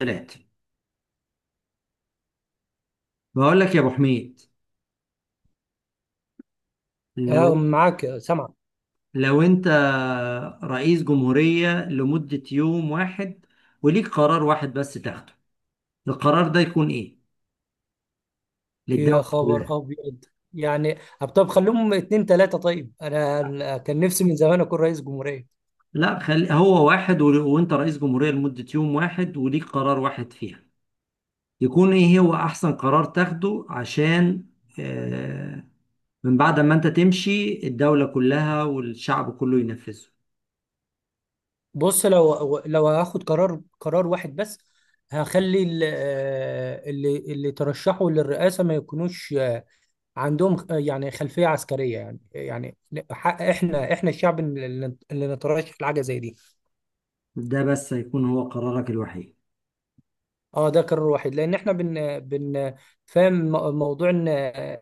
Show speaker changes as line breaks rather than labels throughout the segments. ثلاثة. بقول لك يا ابو حميد،
اه،
لو
معاك سامع.
لو انت رئيس جمهورية لمدة يوم واحد وليك قرار واحد بس تاخده، القرار ده يكون ايه
يا
للدولة كلها؟
خبر ابيض، يعني طب خليهم اتنين تلاتة. طيب انا كان نفسي من زمان اكون رئيس جمهورية.
لا، خلي هو واحد، وانت رئيس جمهورية لمدة يوم واحد وليك قرار واحد فيها، يكون ايه هو احسن قرار تاخده عشان آه، من بعد ما انت تمشي الدولة كلها والشعب كله ينفذه؟
بص، لو هاخد قرار واحد بس. هخلي اللي ترشحوا للرئاسة ما يكونوش عندهم، يعني خلفية عسكرية. يعني حق احنا الشعب اللي نترشح لحاجة زي دي.
ده بس هيكون هو قرارك الوحيد؟
اه، ده قرار واحد لان احنا بن فاهم موضوع ان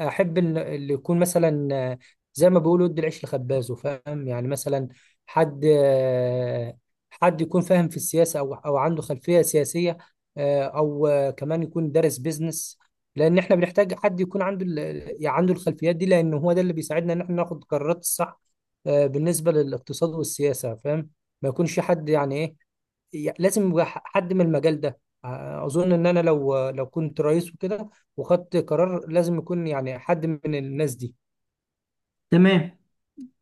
احب ان اللي يكون مثلا زي ما بيقولوا ادي العيش لخبازه، فاهم يعني؟ مثلا حد حد يكون فاهم في السياسه، او او عنده خلفيه سياسيه، او كمان يكون دارس بيزنس. لان احنا بنحتاج حد يكون عنده يعني عنده الخلفيات دي، لان هو ده اللي بيساعدنا ان احنا ناخد القرارات الصح بالنسبه للاقتصاد والسياسه. فاهم؟ ما يكونش حد يعني ايه، لازم يبقى حد من المجال ده. اظن ان انا لو كنت رئيس وكده وخدت قرار، لازم يكون يعني حد من الناس دي.
تمام.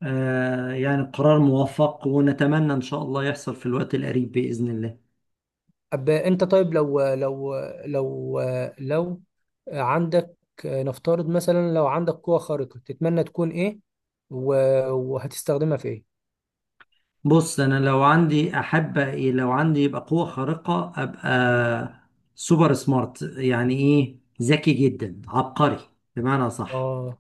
آه، يعني قرار موفق، ونتمنى إن شاء الله يحصل في الوقت القريب بإذن الله.
أب انت طيب، لو لو عندك، نفترض مثلا، لو عندك قوة خارقة تتمنى تكون ايه؟ وهتستخدمها في ايه؟
بص، أنا لو عندي أحب إيه؟ لو عندي يبقى قوة خارقة أبقى سوبر سمارت، يعني إيه؟ ذكي جدا، عبقري بمعنى صح.
اه،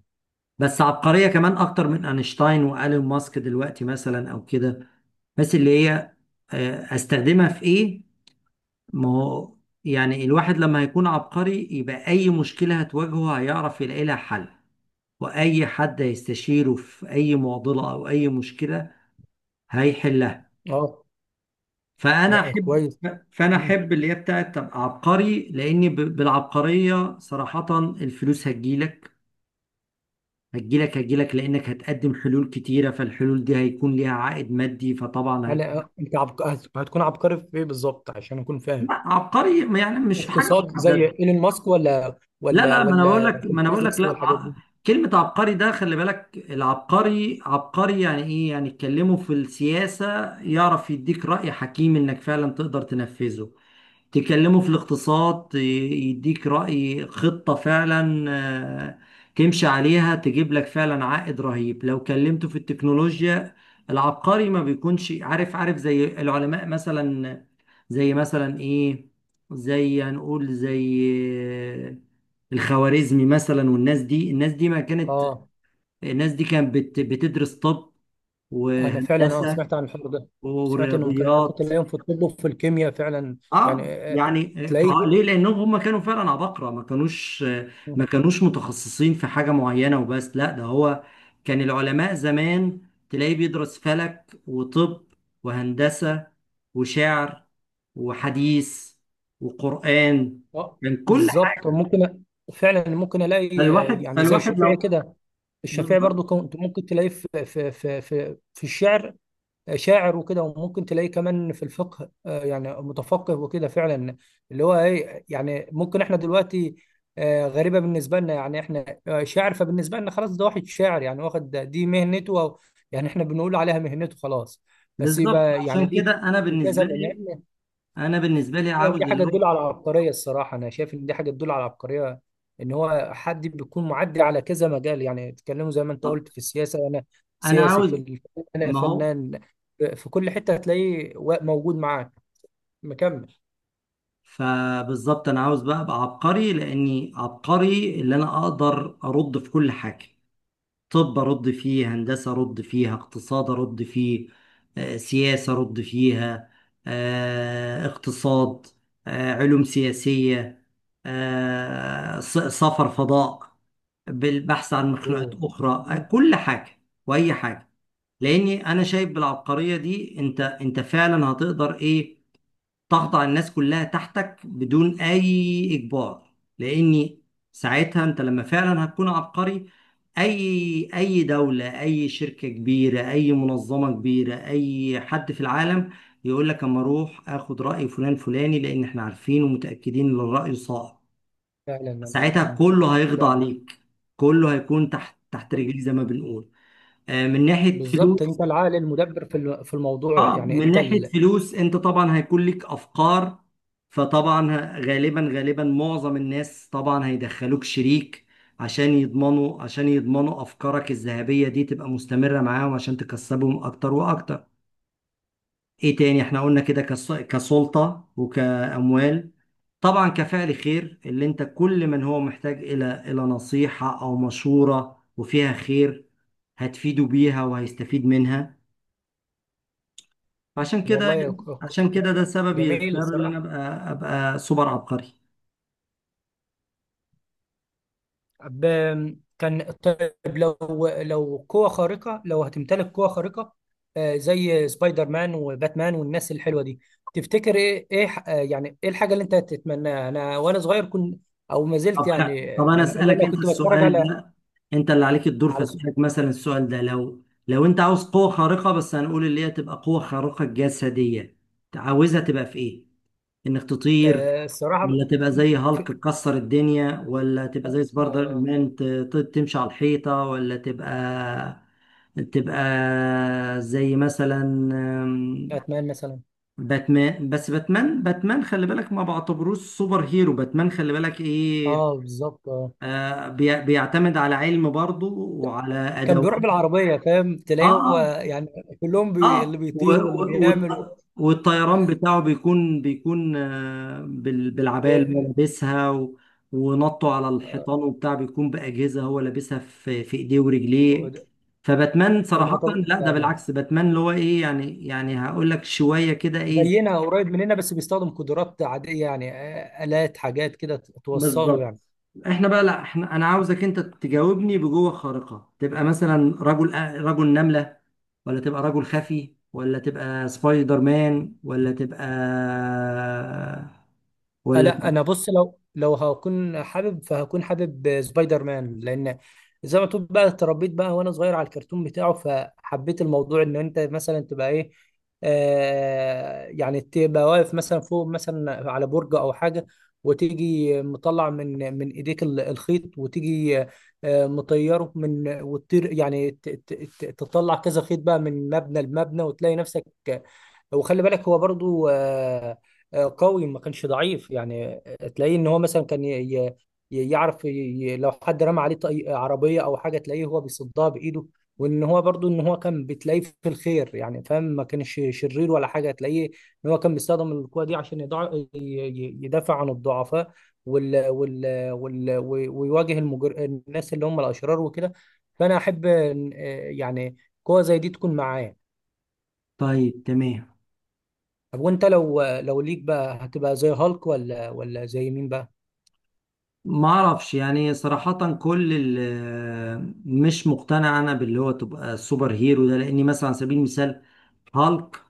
بس عبقرية كمان أكتر من أينشتاين وإيلون ماسك دلوقتي مثلا أو كده. بس اللي هي آه أستخدمها في إيه؟ ما هو يعني الواحد لما هيكون عبقري يبقى أي مشكلة هتواجهه هيعرف يلاقي لها حل، واي حد هيستشيره في اي معضله او اي مشكله هيحلها.
اه.
فانا
لا،
احب
كويس.
فانا
مم.
احب اللي هي بتاعت تبقى عبقري، لان بالعبقريه صراحه الفلوس هتجيلك. هتجيلك لانك هتقدم حلول كتيره، فالحلول دي هيكون ليها عائد مادي فطبعا
يعني
هيكون.
انت هتكون عبقري في ايه بالظبط عشان اكون فاهم؟
لا، عبقري يعني مش في حاجه
اقتصاد زي
محدده.
ايلون ماسك، ولا
لا
ولا
لا ما انا بقول
ولا
لك
في
ما انا بقول لك
الفيزيكس
لا،
والحاجات دي؟
كلمة عبقري ده خلي بالك. العبقري عبقري يعني ايه؟ يعني اتكلمه في السياسة يعرف يديك رأي حكيم انك فعلا تقدر تنفذه، تكلمه في الاقتصاد يديك رأي خطة فعلا آه، تمشي عليها تجيب لك فعلا عائد رهيب، لو كلمته في التكنولوجيا. العبقري ما بيكونش عارف عارف زي العلماء مثلا، زي مثلا ايه؟ زي، هنقول زي آه، الخوارزمي مثلا، والناس دي. الناس دي ما كانت
اه،
الناس دي كانت بتدرس طب
انا فعلا اه
وهندسة
سمعت عن الحوار ده. سمعت انهم كانوا ممكن
ورياضيات.
تلاقيهم في الطب وفي الكيمياء فعلا. يعني
اه يعني.
تلاقيه.
ليه؟ لانهم هم كانوا فعلا عباقرة، ما كانوش متخصصين في حاجة معينة وبس، لا ده هو كان العلماء زمان تلاقيه بيدرس فلك وطب وهندسة وشعر وحديث وقرآن.
اه،
كان كل حاجة.
بالظبط ممكن. فعلا ممكن الاقي
فالواحد
يعني زي
فالواحد
الشافعي
لو،
كده. الشافعي
بالظبط.
برضو كنت ممكن تلاقيه في الشعر، شاعر وكده، وممكن تلاقيه كمان في الفقه، يعني متفقه وكده فعلا. اللي هو ايه يعني؟ ممكن احنا دلوقتي غريبة بالنسبة لنا. يعني احنا شاعر، فبالنسبة لنا خلاص ده واحد شاعر، يعني واخد دي مهنته، أو يعني احنا بنقول عليها مهنته، خلاص. بس
بالظبط،
يبقى يعني
عشان
ليه
كده انا
في كذا
بالنسبة
من
لي،
علم؟
انا بالنسبة لي
يعني
عاوز
دي
اللي
حاجه تدل
هو،
على عبقريه الصراحه. انا شايف ان دي حاجه تدل على عبقريه، ان هو حد بيكون معدي على كذا مجال. يعني اتكلموا زي ما انت
طب
قلت في السياسه، انا
انا
سياسي في
عاوز،
انا
ما هو
فنان في كل حته هتلاقيه موجود معاك، مكمل.
فبالظبط انا عاوز بقى ابقى عبقري. لاني عبقري اللي انا اقدر ارد في كل حاجه. طب ارد فيه هندسه، ارد فيها اقتصاد، ارد فيه سياسه، ارد فيها اقتصاد، علوم سياسيه، سفر فضاء بالبحث عن مخلوقات
اوه،
اخرى، كل حاجه واي حاجه. لاني انا شايف بالعبقريه دي، انت انت فعلا هتقدر ايه، ضغط على الناس كلها تحتك بدون اي اجبار. لاني ساعتها انت لما فعلا هتكون عبقري، اي دولة، اي شركة كبيرة، اي منظمة كبيرة، اي حد في العالم يقول لك اما اروح اخد رأي فلان فلاني لان احنا عارفين ومتأكدين ان الرأي صائب.
فعلا.
ساعتها
انا
كله هيخضع
فعلا.
ليك، كله هيكون تحت رجليه زي ما بنقول. من ناحية
بالظبط، انت
فلوس.
العقل المدبر في في الموضوع.
اه،
يعني
من
انت
ناحية
ال...
فلوس انت طبعا هيكون لك افكار، فطبعا غالبا غالبا معظم الناس طبعا هيدخلوك شريك، عشان يضمنوا افكارك الذهبية دي تبقى مستمرة معاهم عشان تكسبهم اكتر واكتر. ايه تاني احنا قلنا؟ كده كسلطة وكأموال. طبعا كفعل خير، اللي انت كل من هو محتاج الى نصيحة او مشورة وفيها خير هتفيده بيها وهيستفيد منها. عشان كده
والله
عشان كده ده سببي
جميل
الاختيار اللي انا
الصراحه.
ابقى سوبر عبقري.
كان طيب، لو قوة خارقة، لو هتمتلك قوة خارقة زي سبايدر مان وباتمان والناس الحلوة دي، تفتكر ايه يعني ايه الحاجة اللي انت تتمناها؟ انا وانا صغير كنت، او ما زلت
طب خ-
يعني
طب انا
بما ان
اسالك
انا
انت
كنت بتفرج
السؤال
على
ده، انت اللي عليك الدور،
على س-
فاسالك مثلا السؤال ده. لو انت عاوز قوه خارقه، بس هنقول اللي هي تبقى قوه خارقه جسديه، عاوزها تبقى في ايه؟ انك تطير،
الصراحة
ولا تبقى زي هالك
في
تكسر الدنيا، ولا تبقى زي سبايدر
آه
مان تمشي على الحيطه، ولا تبقى، تبقى زي مثلا
باتمان مثلا.
باتمان. بس باتمان خلي بالك ما بعتبروش سوبر هيرو. باتمان خلي بالك ايه،
اه، بالظبط، اه.
آه بيعتمد على علم برضه وعلى
كان
ادوات.
بيروح بالعربية، فاهم؟
اه
تلاقيه هو
اه،
يعني كلهم بي... اللي
آه، و-
بيطير واللي
و-
بيعمل و...
والط- والطيران بتاعه بيكون آه بالعباية اللي هو
ب...
لابسها، و- ونطه على
آه،
الحيطان وبتاع بيكون بأجهزة هو لابسها في في ايديه
هو
ورجليه.
ده.
فباتمان
انا مع
صراحة لا، ده
يعني
بالعكس، باتمان اللي هو ايه يعني، يعني هقول لك شوية كده ايه.
زينا، قريب مننا، بس بيستخدم قدرات عادية، يعني آلات، حاجات كده توصله
بالظبط.
يعني.
احنا بقى لا، احنا انا عاوزك انت تجاوبني بجوه خارقة، تبقى مثلا رجل نملة، ولا تبقى رجل خفي، ولا تبقى سبايدر مان، ولا تبقى ولا
لا،
تبقى
انا بص، لو هكون حابب، فهكون حابب سبايدر مان، لان زي ما تقول بقى اتربيت بقى وانا صغير على الكرتون بتاعه، فحبيت الموضوع ان انت مثلا تبقى ايه. آه يعني تبقى واقف مثلا فوق مثلا على برج او حاجه، وتيجي مطلع من ايديك الخيط، وتيجي آه مطيره من وتطير، يعني تطلع كذا خيط بقى من مبنى لمبنى، وتلاقي نفسك. وخلي بالك هو برضو قوي، ما كانش ضعيف. يعني تلاقيه ان هو مثلا كان يعرف لو حد رمى عليه عربية او حاجة، تلاقيه هو بيصدها بايده. وان هو برضو ان هو كان بتلاقيه في الخير، يعني فاهم، ما كانش شرير ولا حاجة. تلاقيه ان هو كان بيستخدم القوة دي عشان يدافع عن الضعفاء وال وال وال ويواجه الناس اللي هم الاشرار وكده. فانا احب يعني قوة زي دي تكون معايا.
طيب تمام.
طب وانت، لو ليك بقى، هتبقى زي هالك ولا زي مين بقى؟
ما اعرفش يعني صراحة كل مش مقتنع انا باللي هو تبقى سوبر هيرو ده، لاني مثلا على سبيل المثال هالك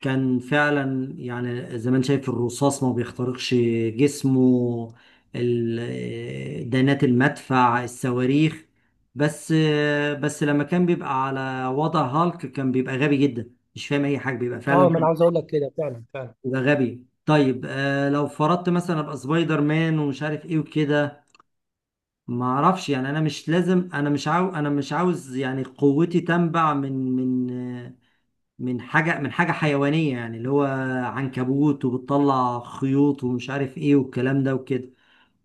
كان فعلا، يعني زي ما انت شايف، الرصاص ما بيخترقش جسمه، دانات المدفع، الصواريخ. بس بس لما كان بيبقى على وضع هالك كان بيبقى غبي جدا، مش فاهم اي حاجه بيبقى
اه،
فعلا،
ما انا عاوز اقول لك كده، فعلا.
بيبقى غبي. طيب آه لو فرضت مثلا ابقى سبايدر مان ومش عارف ايه وكده، ما اعرفش يعني. انا مش لازم، انا مش عاو، انا مش عاوز يعني قوتي تنبع من حاجة، من حاجة حيوانية، يعني اللي هو عنكبوت وبتطلع خيوط ومش عارف ايه والكلام ده وكده.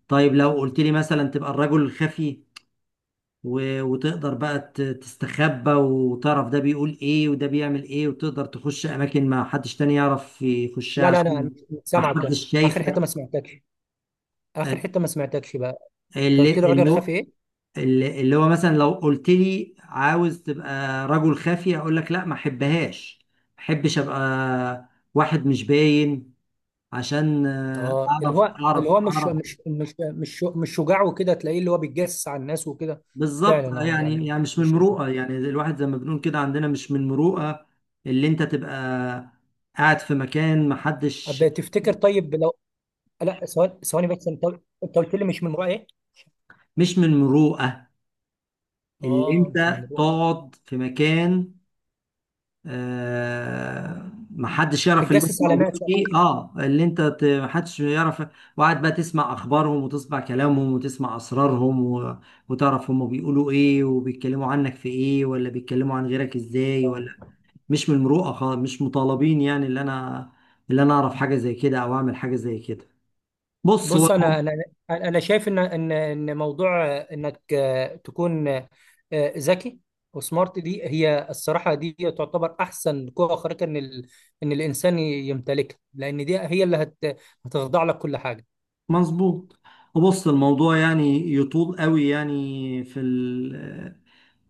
طيب لو قلت لي مثلا تبقى الرجل الخفي، و... وتقدر بقى تستخبى وتعرف ده بيقول ايه وده بيعمل ايه وتقدر تخش اماكن ما حدش تاني يعرف يخشها
لا لا، انا مش
عشان
مش
ما
سامعك
حدش
اخر حته،
شايفك.
ما سمعتكش. اخر حته ما سمعتكش بقى. انت
اللي
قلت لي الراجل
اللي
خافي
هو
ايه؟
اللي هو مثلا لو قلت لي عاوز تبقى رجل خفي اقول لك لا، ما احبهاش، ما احبش ابقى واحد مش باين، عشان
اه، اللي
اعرف
هو اللي
اعرف
هو مش
اعرف
مش مش مش مش شجاع وكده، تلاقيه اللي هو بيتجسس على الناس وكده.
بالظبط.
فعلا،
آه،
اه، يعني
يعني
مش
يعني مش من
مش شجاع.
المروءه، يعني الواحد زي ما بنقول كده عندنا، مش من المروءه اللي انت تبقى قاعد في مكان محدش،
أب تفتكر طيب لو، لا ثواني ثواني بس، انت انت قلت لي مش من رأي ايه؟
مش من المروءه اللي
اه،
انت
مش من رأي
تقعد في مكان محدش يعرف اللي انت
تتجسس على
موجود
ناس يعني.
فيه. اه اللي انت محدش يعرف. وقاعد بقى تسمع اخبارهم وتسمع كلامهم وتسمع اسرارهم، و... وتعرف هما بيقولوا ايه وبيتكلموا عنك في ايه، ولا بيتكلموا عن غيرك ازاي ولا.
اه،
مش من المروءه خالص. مش مطالبين يعني اللي انا، اللي انا اعرف حاجه زي كده او اعمل حاجه زي كده. بص هو
بص انا،
المو-
انا شايف ان ان موضوع انك تكون ذكي وسمارت، دي هي الصراحه، دي تعتبر احسن قوه خارقه ان ال... ان الانسان يمتلكها، لان دي هي اللي هت... هتخضع لك كل حاجه.
مظبوط. بص الموضوع يعني يطول قوي يعني، في ال،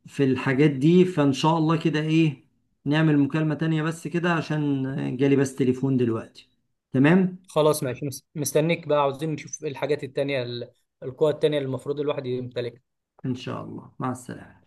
في الحاجات دي. فان شاء الله كده ايه، نعمل مكالمه تانية بس كده، عشان جالي بس تليفون دلوقتي. تمام.
خلاص ماشي، مستنيك بقى. عاوزين نشوف إيه الحاجات التانيه القوى التانيه اللي المفروض الواحد يمتلكها.
ان شاء الله، مع السلامه.